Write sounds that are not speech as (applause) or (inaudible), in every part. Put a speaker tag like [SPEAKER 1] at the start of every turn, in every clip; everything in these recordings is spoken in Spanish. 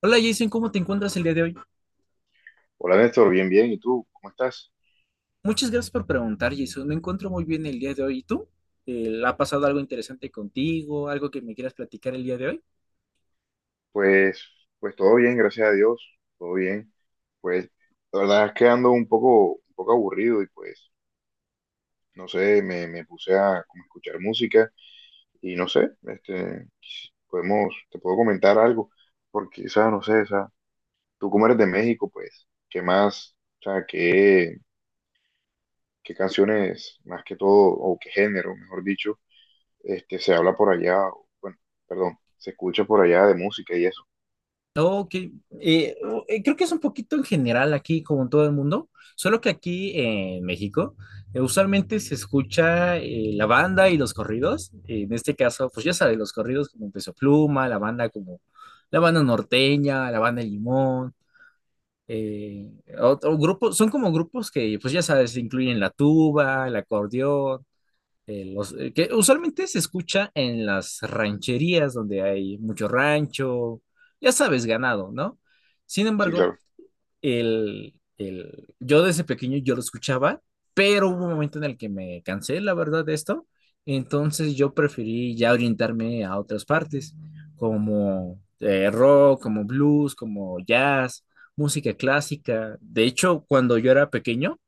[SPEAKER 1] Hola, Jason, ¿cómo te encuentras el día de hoy?
[SPEAKER 2] Hola Néstor, bien, bien. ¿Y tú? ¿Cómo estás?
[SPEAKER 1] Muchas gracias por preguntar, Jason. Me encuentro muy bien el día de hoy. ¿Y tú? ¿Ha pasado algo interesante contigo? ¿Algo que me quieras platicar el día de hoy?
[SPEAKER 2] Pues, pues todo bien, gracias a Dios, todo bien. Pues la verdad es que ando un poco aburrido y pues, no sé, me puse a como escuchar música y no sé, este, podemos, te puedo comentar algo, porque, o sea, no sé, o sea, tú como eres de México, pues, ¿qué más, o sea, qué, qué canciones, más que todo, o qué género, mejor dicho, este, se habla por allá, o, bueno, perdón, se escucha por allá de música y eso?
[SPEAKER 1] Ok, creo que es un poquito en general aquí, como en todo el mundo, solo que aquí en México usualmente se escucha la banda y los corridos. En este caso, pues ya sabes, los corridos como Peso Pluma, la banda como la banda norteña, la banda Limón. eh, Otro grupo, son como grupos que, pues ya sabes, incluyen la tuba, el acordeón, que usualmente se escucha en las rancherías donde hay mucho rancho, ya sabes, ganado, ¿no? Sin
[SPEAKER 2] Sí,
[SPEAKER 1] embargo,
[SPEAKER 2] claro.
[SPEAKER 1] yo desde pequeño yo lo escuchaba, pero hubo un momento en el que me cansé, la verdad, de esto. Entonces yo preferí ya orientarme a otras partes, como rock, como blues, como jazz, música clásica. De hecho, cuando yo era pequeño,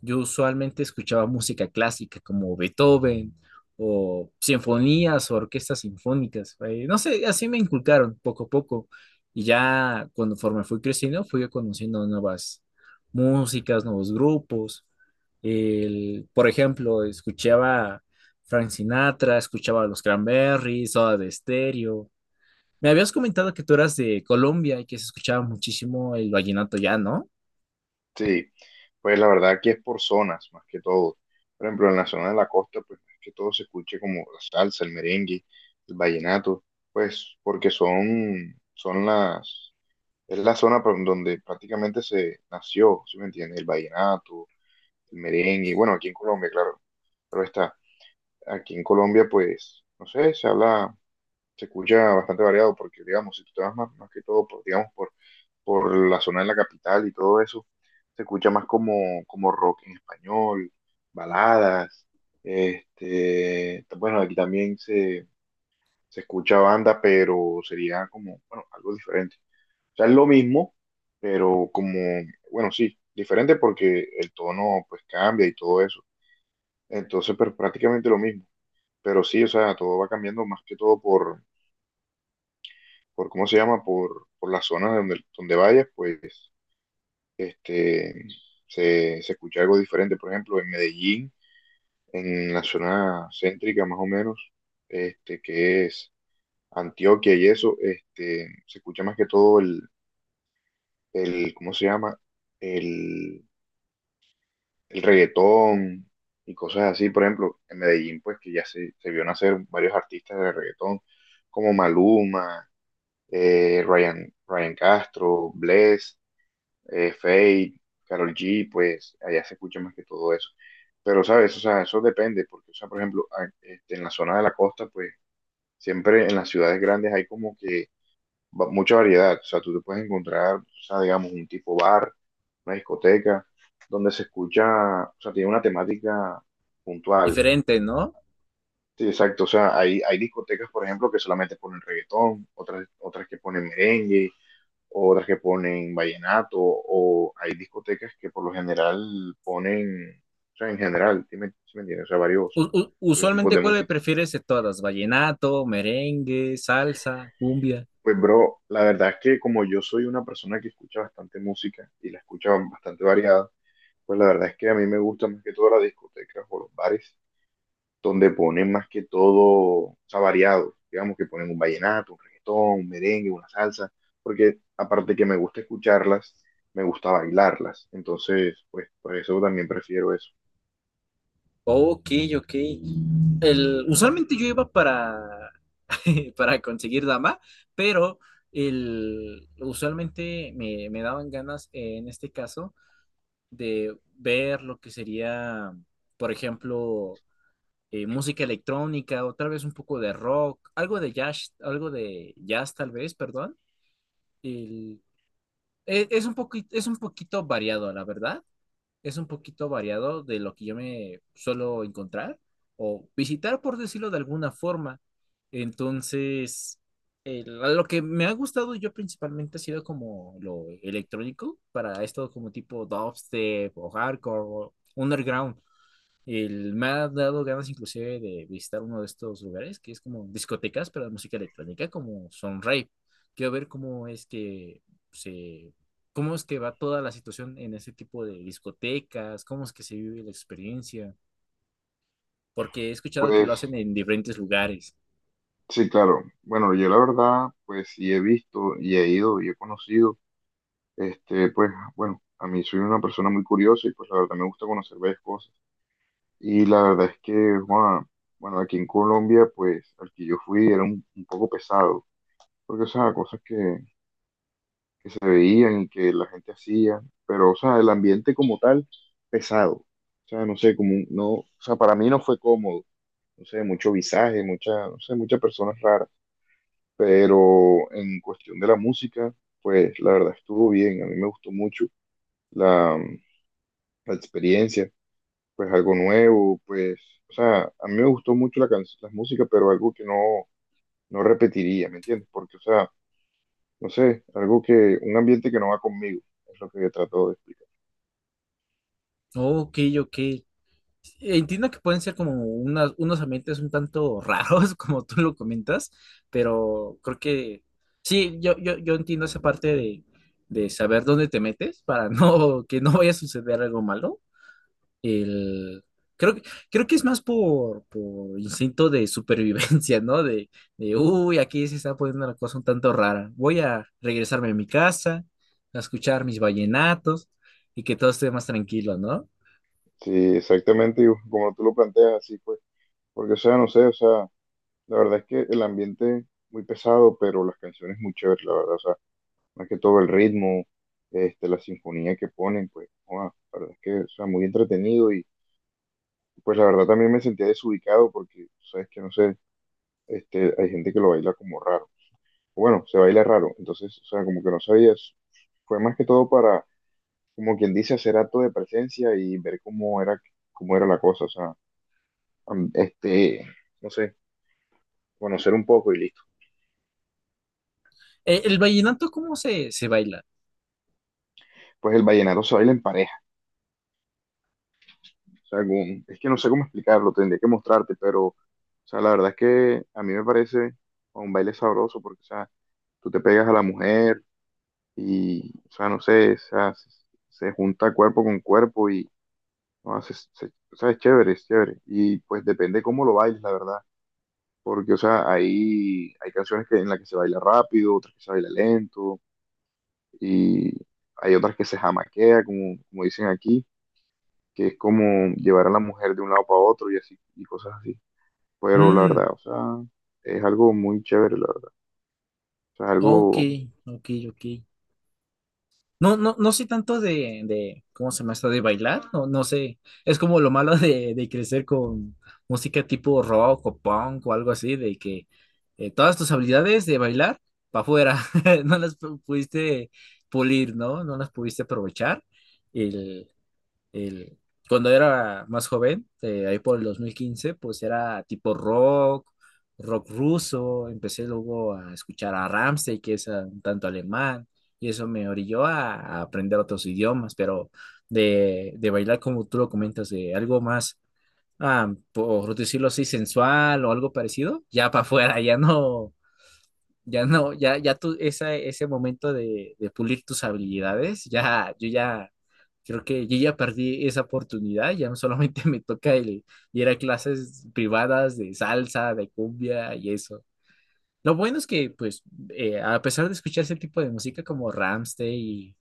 [SPEAKER 1] yo usualmente escuchaba música clásica como Beethoven, o sinfonías, o orquestas sinfónicas. No sé, así me inculcaron poco a poco. Y ya conforme fui creciendo, fui conociendo nuevas músicas, nuevos grupos. Por ejemplo, escuchaba Frank Sinatra, escuchaba Los Cranberries, Soda de Estéreo. Me habías comentado que tú eras de Colombia y que se escuchaba muchísimo el vallenato ya, ¿no?
[SPEAKER 2] Sí, pues la verdad que es por zonas, más que todo. Por ejemplo, en la zona de la costa, pues más que todo se escuche como la salsa, el merengue, el vallenato, pues porque son, son las, es la zona por donde prácticamente se nació, ¿sí me entiendes? El vallenato, el merengue, bueno, aquí en Colombia, claro, pero está, aquí en Colombia, pues, no sé, se habla se escucha bastante variado porque, digamos, si tú te vas más, más que todo, digamos, por la zona de la capital y todo eso, se escucha más como, como rock en español, baladas, este, bueno, aquí también se escucha banda, pero sería como, bueno, algo diferente. O sea, es lo mismo, pero como, bueno, sí, diferente porque el tono pues cambia y todo eso. Entonces, pero prácticamente lo mismo. Pero sí, o sea, todo va cambiando más que todo por ¿cómo se llama? Por las zonas donde, donde vayas, pues este, se escucha algo diferente. Por ejemplo, en Medellín, en la zona céntrica más o menos, este, que es Antioquia y eso, este, se escucha más que todo el ¿cómo se llama? El, el reggaetón y cosas así. Por ejemplo, en Medellín, pues que ya se vio nacer varios artistas de reggaetón, como Maluma, Ryan, Ryan Castro, Bless Fate, Carol G, pues allá se escucha más que todo eso. Pero, ¿sabes? O sea, eso depende, porque, o sea, por ejemplo, este, en la zona de la costa, pues siempre en las ciudades grandes hay como que mucha variedad. O sea, tú te puedes encontrar, o sea, digamos, un tipo bar, una discoteca, donde se escucha, o sea, tiene una temática puntual.
[SPEAKER 1] Diferente, ¿no?
[SPEAKER 2] Sí, exacto. O sea, hay discotecas, por ejemplo, que solamente ponen reggaetón, otras, otras que ponen merengue, o otras que ponen vallenato, o hay discotecas que por lo general ponen, o sea, en general, sí me entiendes? O sea, varios, varios tipos
[SPEAKER 1] Usualmente,
[SPEAKER 2] de
[SPEAKER 1] ¿cuál
[SPEAKER 2] música.
[SPEAKER 1] prefieres de todas? ¿Vallenato, merengue, salsa, cumbia?
[SPEAKER 2] Pues, bro, la verdad es que como yo soy una persona que escucha bastante música y la escucha bastante variada, pues la verdad es que a mí me gusta más que todo las discotecas o los bares donde ponen más que todo, o sea, variado, digamos que ponen un vallenato, un reggaetón, un merengue, una salsa, porque aparte que me gusta escucharlas, me gusta bailarlas, entonces, pues, por eso también prefiero eso.
[SPEAKER 1] Ok, ok. Usualmente yo iba para, (laughs) para conseguir dama, pero usualmente me daban ganas, en este caso, de ver lo que sería, por ejemplo, música electrónica, o tal vez un poco de rock, algo de jazz tal vez, perdón. El- es un poquito, es un poquito variado, la verdad. Es un poquito variado de lo que yo me suelo encontrar o visitar, por decirlo de alguna forma. Entonces, el- lo que me ha gustado yo principalmente ha sido como lo electrónico para esto, como tipo dubstep o hardcore o underground. Me ha dado ganas inclusive de visitar uno de estos lugares que es como discotecas, pero de música electrónica, como Sunrave. Quiero ver cómo es que se, cómo es que va toda la situación en ese tipo de discotecas, cómo es que se vive la experiencia, porque he escuchado que lo
[SPEAKER 2] Pues,
[SPEAKER 1] hacen en diferentes lugares.
[SPEAKER 2] sí, claro, bueno, yo la verdad, pues, sí he visto y he ido y he conocido, este, pues, bueno, a mí soy una persona muy curiosa y pues la verdad me gusta conocer varias cosas. Y la verdad es que, Juan, bueno, aquí en Colombia, pues, al que yo fui era un poco pesado, porque, o sea, cosas que se veían y que la gente hacía, pero, o sea, el ambiente como tal, pesado, o sea, no sé, como, no, o sea, para mí no fue cómodo, no sé, mucho visaje, mucha, no sé, muchas personas raras, pero en cuestión de la música, pues, la verdad estuvo bien, a mí me gustó mucho la, la experiencia, pues, algo nuevo, pues, o sea, a mí me gustó mucho la, la música, pero algo que no, no repetiría, ¿me entiendes? Porque, o sea, no sé, algo que, un ambiente que no va conmigo, es lo que trato de explicar.
[SPEAKER 1] Ok, ok. Entiendo que pueden ser como unos ambientes un tanto raros, (laughs) como tú lo comentas, pero creo que sí, yo entiendo esa parte de saber dónde te metes para (laughs) no, que no vaya a suceder algo malo. El, creo, que- Creo que es más por instinto de supervivencia, ¿no? De, uy, aquí se está poniendo la cosa un tanto rara. Voy a regresarme a mi casa, a escuchar mis vallenatos y que todo esté más tranquilo, ¿no?
[SPEAKER 2] Sí, exactamente, y como tú lo planteas, así pues, porque o sea, no sé, o sea, la verdad es que el ambiente muy pesado, pero las canciones muy chéveres, la verdad, o sea, más que todo el ritmo, este, la sinfonía que ponen, pues, wow, la verdad es que, o sea, muy entretenido y pues la verdad también me sentía desubicado porque, sabes que, no sé, este, hay gente que lo baila como raro. Bueno, se baila raro, entonces, o sea, como que no sabías, fue más que todo para como quien dice, hacer acto de presencia y ver cómo era la cosa, o sea, este, no sé, conocer un poco y listo.
[SPEAKER 1] ¿El vallenato cómo se baila?
[SPEAKER 2] Pues el vallenato se baila en pareja, o sea, es que no sé cómo explicarlo, tendría que mostrarte, pero, o sea, la verdad es que a mí me parece un baile sabroso porque, o sea, tú te pegas a la mujer y, o sea, no sé, o sea, se junta cuerpo con cuerpo y, no, o sea, es chévere, y pues depende cómo lo bailes, la verdad. Porque, o sea, hay canciones que, en las que se baila rápido, otras que se baila lento, y hay otras que se jamaquea, como, como dicen aquí, que es como llevar a la mujer de un lado para otro y así, y cosas así. Pero la
[SPEAKER 1] Mm,
[SPEAKER 2] verdad, o sea, es algo muy chévere, la verdad. O sea, es
[SPEAKER 1] ok,
[SPEAKER 2] algo
[SPEAKER 1] ok, ok. No, no, no sé tanto ¿cómo se llama esto? De bailar, no, no sé. Es como lo malo de crecer con música tipo rock o punk o algo así, de que todas tus habilidades de bailar para afuera, (laughs) no las pudiste pulir, ¿no? No las pudiste aprovechar. el- Cuando era más joven, ahí por el 2015 pues era tipo rock, rock ruso, empecé luego a escuchar a Rammstein, que es un tanto alemán, y eso me orilló a aprender otros idiomas, pero de bailar como tú lo comentas, de algo más, por decirlo así, sensual o algo parecido, ya para afuera, ya no ya no, ya, ya tú, esa, ese momento de pulir tus habilidades, ya, creo que yo ya perdí esa oportunidad, ya no. Solamente (laughs) me toca el ir a clases privadas de salsa, de cumbia y eso. Lo bueno es que, pues, a pesar de escuchar ese tipo de música como Rammstein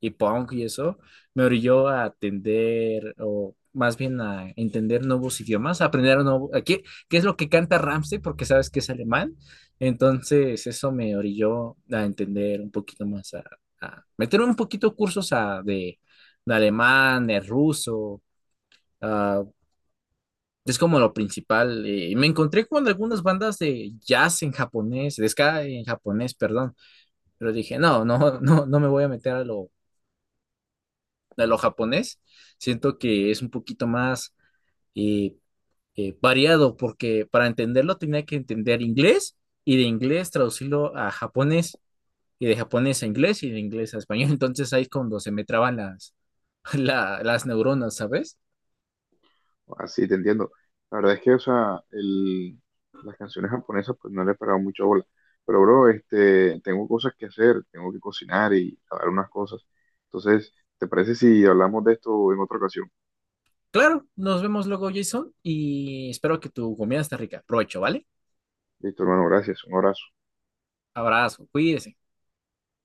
[SPEAKER 1] y punk y eso, me orilló a atender, o más bien a entender nuevos idiomas, a aprender un nuevo, a qué, qué es lo que canta Rammstein, porque sabes que es alemán. Entonces, eso me orilló a entender un poquito más, a meter un poquito cursos a, de alemán, de ruso, es como lo principal. Me encontré con algunas bandas de jazz en japonés, de ska en japonés, perdón, pero dije, no, no, (laughs) no, no me voy a meter a lo japonés. Siento que es un poquito más eh, variado porque para entenderlo tenía que entender inglés, y de inglés traducirlo a japonés, y de japonés a inglés, y de inglés a español. (laughs) Entonces ahí es cuando se me traban las, (laughs) las neuronas, ¿sabes?
[SPEAKER 2] así, te entiendo. La verdad es que, o sea, el, las canciones japonesas, pues no le he pegado mucho bola. Pero, bro, este, tengo cosas que hacer, tengo que cocinar y lavar unas cosas. Entonces, ¿te parece si hablamos de esto en otra ocasión?
[SPEAKER 1] Claro, nos vemos luego, Jason, y espero que tu comida esté rica. Provecho, ¿vale?
[SPEAKER 2] Listo, hermano, gracias. Un abrazo.
[SPEAKER 1] Abrazo, cuídese.